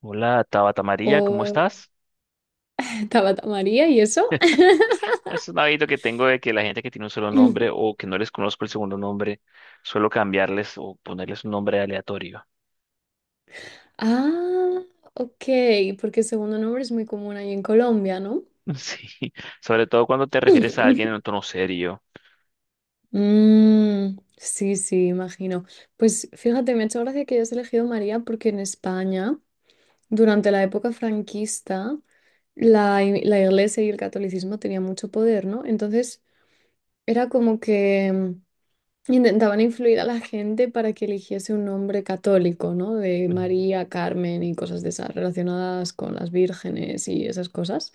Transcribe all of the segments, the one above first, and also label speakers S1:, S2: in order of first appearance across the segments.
S1: Hola, Tabata María, ¿cómo
S2: O
S1: estás?
S2: Tabata María y eso.
S1: Es un hábito que tengo de que la gente que tiene un solo nombre o que no les conozco el segundo nombre, suelo cambiarles o ponerles un nombre aleatorio.
S2: Ah, ok, porque el segundo nombre es muy común ahí en Colombia, ¿no?
S1: Sí, sobre todo cuando te refieres a alguien en un tono serio.
S2: Sí, sí, imagino. Pues fíjate, me ha hecho gracia que hayas elegido María porque en España, durante la época franquista, la iglesia y el catolicismo tenían mucho poder, ¿no? Entonces, era como que intentaban influir a la gente para que eligiese un nombre católico, ¿no? De María, Carmen y cosas de esas relacionadas con las vírgenes y esas cosas.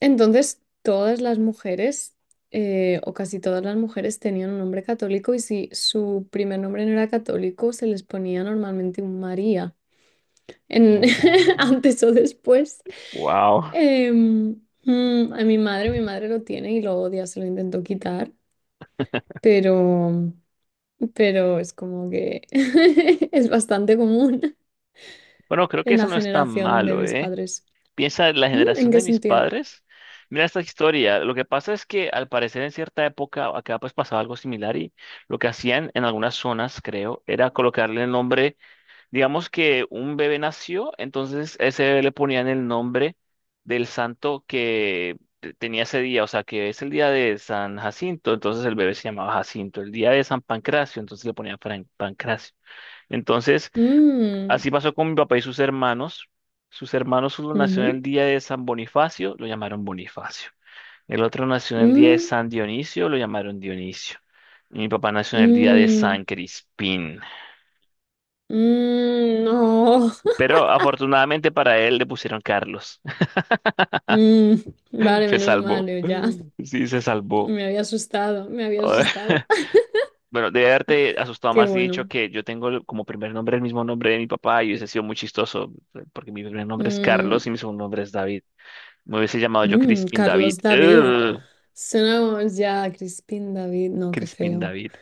S2: Entonces, todas las mujeres, o casi todas las mujeres, tenían un nombre católico y si su primer nombre no era católico, se les ponía normalmente un María en- antes o después.
S1: Wow.
S2: A mi madre lo tiene y lo odia, se lo intentó quitar, pero pero es como que es bastante común
S1: Bueno, creo que
S2: en
S1: eso
S2: la
S1: no es tan
S2: generación de
S1: malo,
S2: mis
S1: ¿eh?
S2: padres.
S1: Piensa en la
S2: Mm, ¿en
S1: generación
S2: qué
S1: de mis
S2: sentido?
S1: padres. Mira esta historia. Lo que pasa es que al parecer en cierta época acá pues pasaba algo similar y lo que hacían en algunas zonas, creo, era colocarle el nombre. Digamos que un bebé nació, entonces ese bebé le ponían el nombre del santo que tenía ese día, o sea, que es el día de San Jacinto, entonces el bebé se llamaba Jacinto, el día de San Pancracio, entonces le ponían Pancracio. Entonces,
S2: Mm,
S1: así pasó con mi papá y sus hermanos. Sus hermanos, uno nació en
S2: ujú,
S1: el día de San Bonifacio, lo llamaron Bonifacio. El otro nació en el día de
S2: mm,
S1: San Dionisio, lo llamaron Dionisio. Y mi papá nació en el día de
S2: mm,
S1: San Crispín.
S2: mm, no.
S1: Pero afortunadamente para él le pusieron Carlos.
S2: Mm, vale,
S1: Se
S2: menos
S1: salvó.
S2: mal, yo ya.
S1: Sí, se salvó.
S2: Me había asustado, me había asustado.
S1: Bueno, debe haberte asustado
S2: Qué
S1: más y dicho
S2: bueno.
S1: que yo tengo como primer nombre el mismo nombre de mi papá y hubiese sido muy chistoso, porque mi primer nombre es
S2: Mm,
S1: Carlos y mi segundo nombre es David. Me hubiese llamado yo
S2: mm,
S1: Crispin
S2: Carlos
S1: David.
S2: David.
S1: Ugh,
S2: Sonamos ya Crispín David. No, qué
S1: Crispin
S2: feo.
S1: David.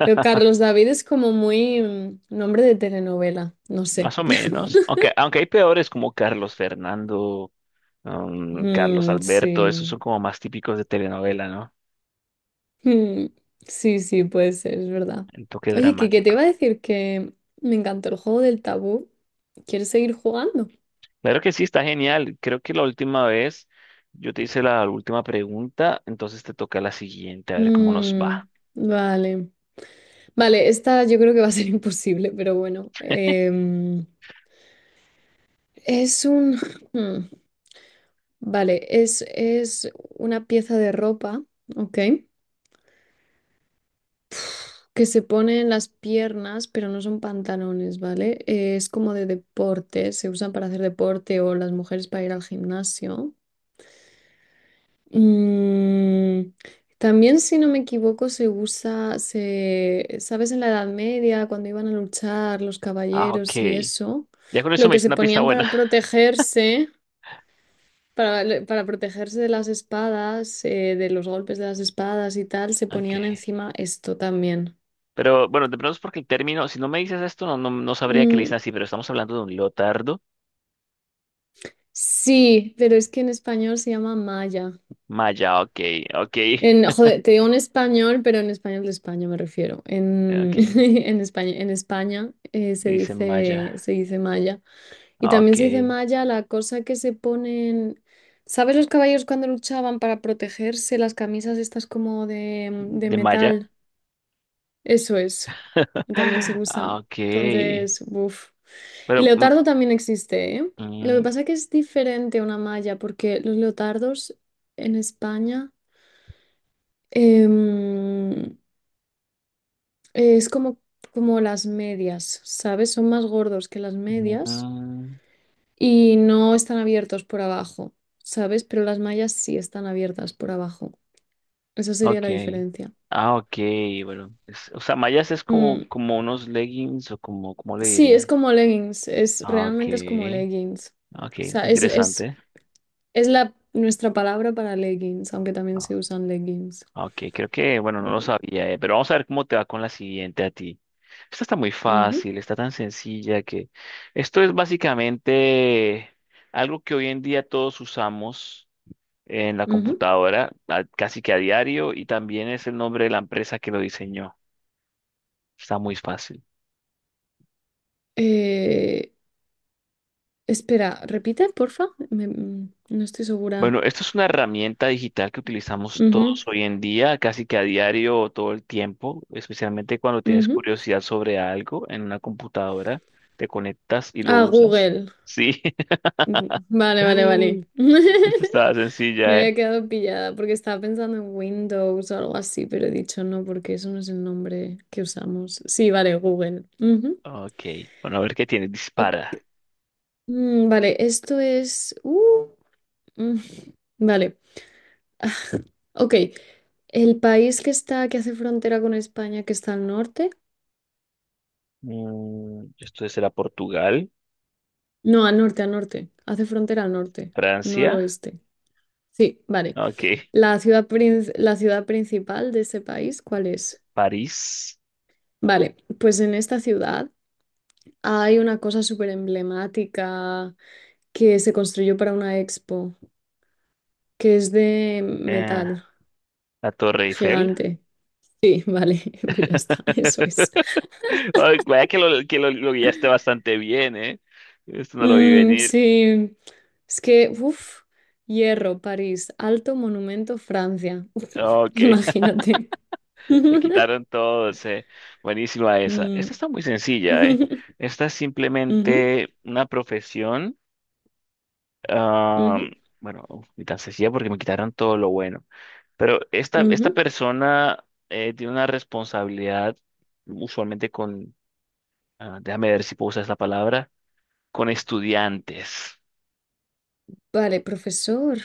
S2: Pero Carlos David es como muy nombre de telenovela. No sé.
S1: Más o menos. Aunque hay peores como Carlos Fernando, Carlos
S2: Mm,
S1: Alberto, esos son
S2: sí.
S1: como más típicos de telenovela, ¿no?
S2: Mm, sí, sí, puede ser, es verdad.
S1: El toque
S2: Oye, que te
S1: dramático.
S2: iba a decir que me encantó el juego del tabú. ¿Quieres seguir jugando?
S1: Claro que sí, está genial. Creo que la última vez yo te hice la última pregunta, entonces te toca la siguiente, a ver cómo nos
S2: Mm,
S1: va.
S2: vale. Vale, esta yo creo que va a ser imposible, pero bueno. Es un... mm, vale, es una pieza de ropa, ¿ok? Que se pone en las piernas, pero no son pantalones, ¿vale? Es como de deporte, se usan para hacer deporte o las mujeres para ir al gimnasio. Mm, también, si no me equivoco, se usa, se, ¿sabes? En la Edad Media, cuando iban a luchar los
S1: Ah, ok.
S2: caballeros y eso,
S1: Ya con eso
S2: lo
S1: me
S2: que
S1: hice
S2: se
S1: una pista
S2: ponían
S1: buena.
S2: para protegerse. Para protegerse de las espadas, de los golpes de las espadas y tal, se
S1: Ok.
S2: ponían encima esto también.
S1: Pero bueno, de pronto es porque el término, si no me dices esto, no sabría que le
S2: Mm,
S1: dicen así, pero estamos hablando de un leotardo.
S2: sí, pero es que en español se llama malla.
S1: Maya, ok, ok,
S2: En, joder, te digo en español, pero en español de España me refiero. En,
S1: ok.
S2: en España se
S1: Dice
S2: dice,
S1: Maya,
S2: se dice malla. Y
S1: ah,
S2: también
S1: ok.
S2: se dice malla la cosa que se ponen. ¿Sabes los caballos cuando luchaban para protegerse? Las camisas estas como de
S1: De Maya.
S2: metal. Eso es. También se usa.
S1: Ah, ok.
S2: Entonces, uff.
S1: Pero,
S2: Leotardo también existe, ¿eh? Lo que
S1: mm,
S2: pasa es que es diferente a una malla, porque los leotardos en España em, es como, como las medias, ¿sabes? Son más gordos que las
S1: mm,
S2: medias
S1: mm.
S2: y no están abiertos por abajo, ¿sabes? Pero las mallas sí están abiertas por abajo. Esa sería la
S1: Okay.
S2: diferencia.
S1: Ah, okay, bueno. O sea, mallas es como,
S2: Mm,
S1: como unos leggings o como, ¿cómo le
S2: sí, es
S1: dirían?
S2: como leggings, es,
S1: Ah,
S2: realmente es como
S1: okay,
S2: leggings.
S1: ah, ok,
S2: O sea, es
S1: interesante.
S2: es la, nuestra palabra para leggings, aunque también se
S1: Ah,
S2: usan leggings.
S1: ah, ok, creo que, bueno, no lo
S2: Ujú,
S1: sabía, pero vamos a ver cómo te va con la siguiente a ti. Esta está muy
S2: ujú,
S1: fácil, está tan sencilla que esto es básicamente algo que hoy en día todos usamos en la
S2: ujú.
S1: computadora, casi que a diario, y también es el nombre de la empresa que lo diseñó. Está muy fácil.
S2: Eh, espera, repite, porfa. No estoy segura.
S1: Bueno, esto es una herramienta digital que utilizamos
S2: Ujú,
S1: todos hoy en día, casi que a diario o todo el tiempo, especialmente cuando tienes
S2: ujú.
S1: curiosidad sobre algo en una computadora, te conectas y lo
S2: Ah,
S1: usas.
S2: Google.
S1: Sí,
S2: Vale, vale, vale.
S1: esto estaba
S2: Me
S1: sencilla,
S2: había
S1: ¿eh?
S2: quedado pillada porque estaba pensando en Windows o algo así, pero he dicho no porque eso no es el nombre que usamos. Sí, vale, Google. Ujú.
S1: Ok, bueno, a ver qué tiene,
S2: Ok,
S1: dispara.
S2: vale, esto es... mm, vale. Ok, el país que está, que hace frontera con España, que está al norte.
S1: Mm, esto será Portugal,
S2: No, al norte, al norte. Hace frontera al norte, no al
S1: Francia,
S2: oeste. Sí, vale.
S1: ok,
S2: La ciudad principal de ese país, ¿cuál es?
S1: París,
S2: Vale, pues en esta ciudad hay una cosa súper emblemática que se construyó para una expo, que es de
S1: eh,
S2: metal
S1: la Torre Eiffel.
S2: gigante. Sí, vale, pues ya está, eso es.
S1: Ay, vaya que lo guiaste bastante bien, ¿eh? Esto no lo vi
S2: Mm,
S1: venir.
S2: sí, es que, uff, hierro, París, alto monumento, Francia.
S1: Ok,
S2: Imagínate.
S1: le quitaron todos, ¿eh? Buenísima esa.
S2: Mm,
S1: Esta está muy sencilla, ¿eh? Esta es
S2: ujú,
S1: simplemente una profesión. Ah,
S2: ujú,
S1: bueno, ni tan sencilla porque me quitaron todo lo bueno. Pero esta,
S2: ujú.
S1: esta persona tiene una responsabilidad usualmente con, ah, déjame ver si puedo usar esta palabra, con estudiantes.
S2: Vale, profesor,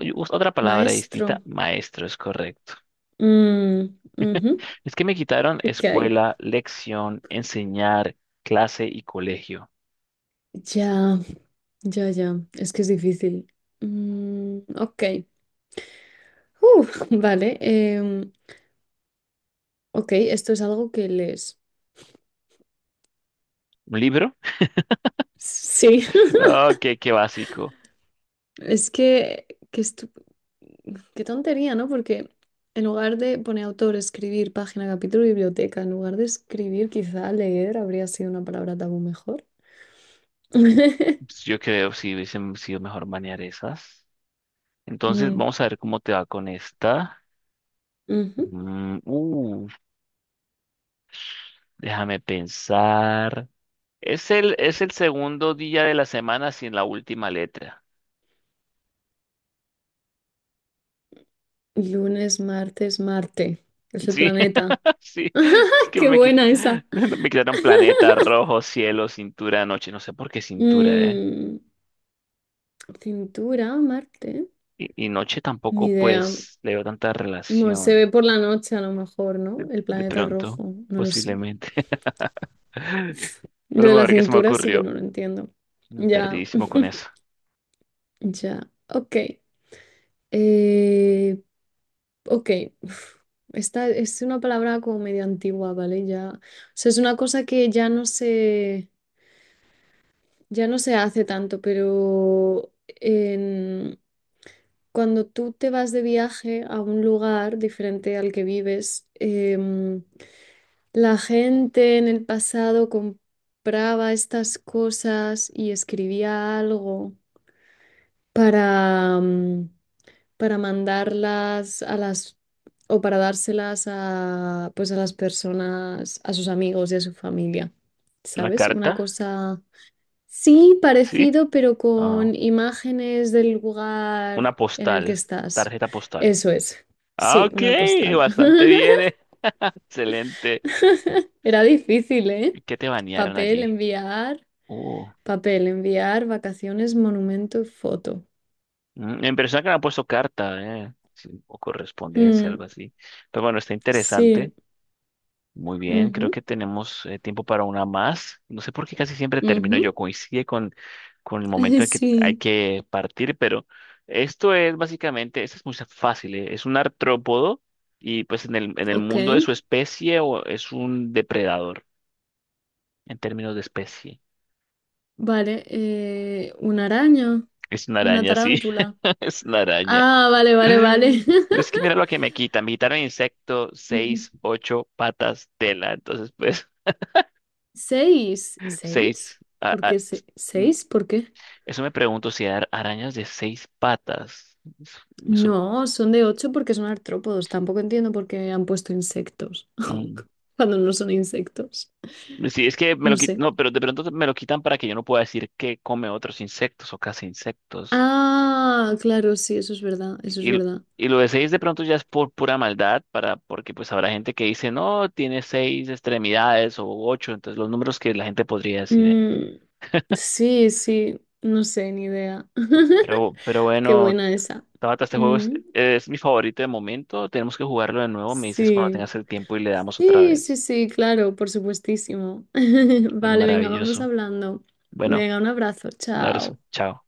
S1: Oye, otra palabra distinta,
S2: maestro.
S1: maestro, es correcto.
S2: Mm, ujú,
S1: Es que me quitaron
S2: ok,
S1: escuela, lección, enseñar, clase y colegio.
S2: ya, ya, ya, es que es difícil. Mm, ok, uf, vale, ok, esto es algo que les...
S1: ¿Un libro?
S2: Sí,
S1: Oh, qué qué básico.
S2: es que estu- qué tontería, ¿no? Porque en lugar de poner autor, escribir, página, capítulo, biblioteca, en lugar de escribir, quizá leer habría sido una palabra tabú mejor.
S1: Pues yo creo si hubiesen sido mejor manejar esas. Entonces,
S2: Mm,
S1: vamos a ver cómo te va con esta.
S2: ujú.
S1: Mm, déjame pensar. Es el segundo día de la semana sin la última letra.
S2: Lunes, martes, Marte. Es el
S1: Sí,
S2: planeta.
S1: sí, es que
S2: ¡Qué buena esa!
S1: me quitaron planeta, rojo, cielo, cintura, noche, no sé por qué cintura, ¿eh?
S2: Mm, cintura, Marte.
S1: Y noche
S2: Ni
S1: tampoco,
S2: idea.
S1: pues, le veo tanta
S2: Bueno, se
S1: relación,
S2: ve por la noche a lo mejor,
S1: de,
S2: ¿no? El
S1: de
S2: planeta
S1: pronto,
S2: rojo. No lo sé.
S1: posiblemente. Fue
S2: Lo
S1: lo
S2: de la
S1: mejor que se me
S2: cintura sí que
S1: ocurrió.
S2: no lo entiendo.
S1: Mm,
S2: Ya,
S1: perdidísimo con eso.
S2: ya. Ok. Eh, ok, uf, esta es una palabra como medio antigua, ¿vale? Ya, o sea, es una cosa que ya no se hace tanto, pero en- cuando tú te vas de viaje a un lugar diferente al que vives, la gente en el pasado compraba estas cosas y escribía algo para, para mandarlas a las o para dárselas a pues a las personas, a sus amigos y a su familia.
S1: ¿Una
S2: ¿Sabes? Una
S1: carta?
S2: cosa sí
S1: ¿Sí?
S2: parecido, pero
S1: Ah,
S2: con imágenes del
S1: una
S2: lugar en el que
S1: postal,
S2: estás.
S1: tarjeta postal.
S2: Eso es.
S1: Ah,
S2: Sí,
S1: ok,
S2: una postal.
S1: bastante bien, ¿eh? Excelente.
S2: Era difícil,
S1: ¿Y
S2: ¿eh?
S1: qué te banearon
S2: Papel,
S1: allí?
S2: enviar,
S1: Uh,
S2: vacaciones, monumento, foto.
S1: Mm, en persona que me han puesto carta, sí, o correspondencia,
S2: Mm,
S1: algo así. Pero bueno, está interesante.
S2: sí.
S1: Muy bien, creo
S2: Ujú,
S1: que tenemos tiempo para una más. No sé por qué casi siempre termino yo.
S2: ujú.
S1: Coincide con el momento en que hay
S2: Sí,
S1: que partir, pero esto es básicamente, esto es muy fácil, es un artrópodo y pues en el
S2: ok.
S1: mundo de su especie o es un depredador en términos de especie.
S2: Vale, una araña,
S1: Es una
S2: una
S1: araña, sí,
S2: tarántula.
S1: es una araña.
S2: Ah, vale, vale,
S1: Pero
S2: vale.
S1: es que mira lo que me quitan. Me quitaron insecto,
S2: Ujú.
S1: 6, 8 patas, tela. Entonces, pues,
S2: Seis,
S1: 6.
S2: ¿seis?
S1: Mm,
S2: ¿Seis? ¿Por qué?
S1: eso me pregunto si hay arañas de 6 patas. Eso,
S2: No, son de ocho porque son artrópodos. Tampoco entiendo por qué han puesto insectos
S1: mm.
S2: cuando no son insectos.
S1: Sí, es que me
S2: No
S1: lo quitan.
S2: sé.
S1: No, pero de pronto me lo quitan para que yo no pueda decir que come otros insectos o casi insectos.
S2: Ah, claro, sí, eso es verdad, eso es
S1: Y,
S2: verdad.
S1: y lo de seis de pronto ya es por pura maldad, para, porque pues habrá gente que dice, no, tiene 6 extremidades o 8. Entonces, los números que la gente podría decir. Eh.
S2: Mm, sí, sí, no sé, ni idea.
S1: Pero
S2: Qué
S1: bueno,
S2: buena esa.
S1: Tabata, este juego
S2: Mm,
S1: es mi favorito de momento. Tenemos que jugarlo de nuevo. Me dices cuando
S2: sí.
S1: tengas el tiempo y le damos otra
S2: Sí, sí,
S1: vez.
S2: sí, claro, por supuestísimo.
S1: Bueno,
S2: Vale, venga, vamos
S1: maravilloso.
S2: hablando.
S1: Bueno,
S2: Venga, un abrazo,
S1: un abrazo.
S2: chao.
S1: Chao.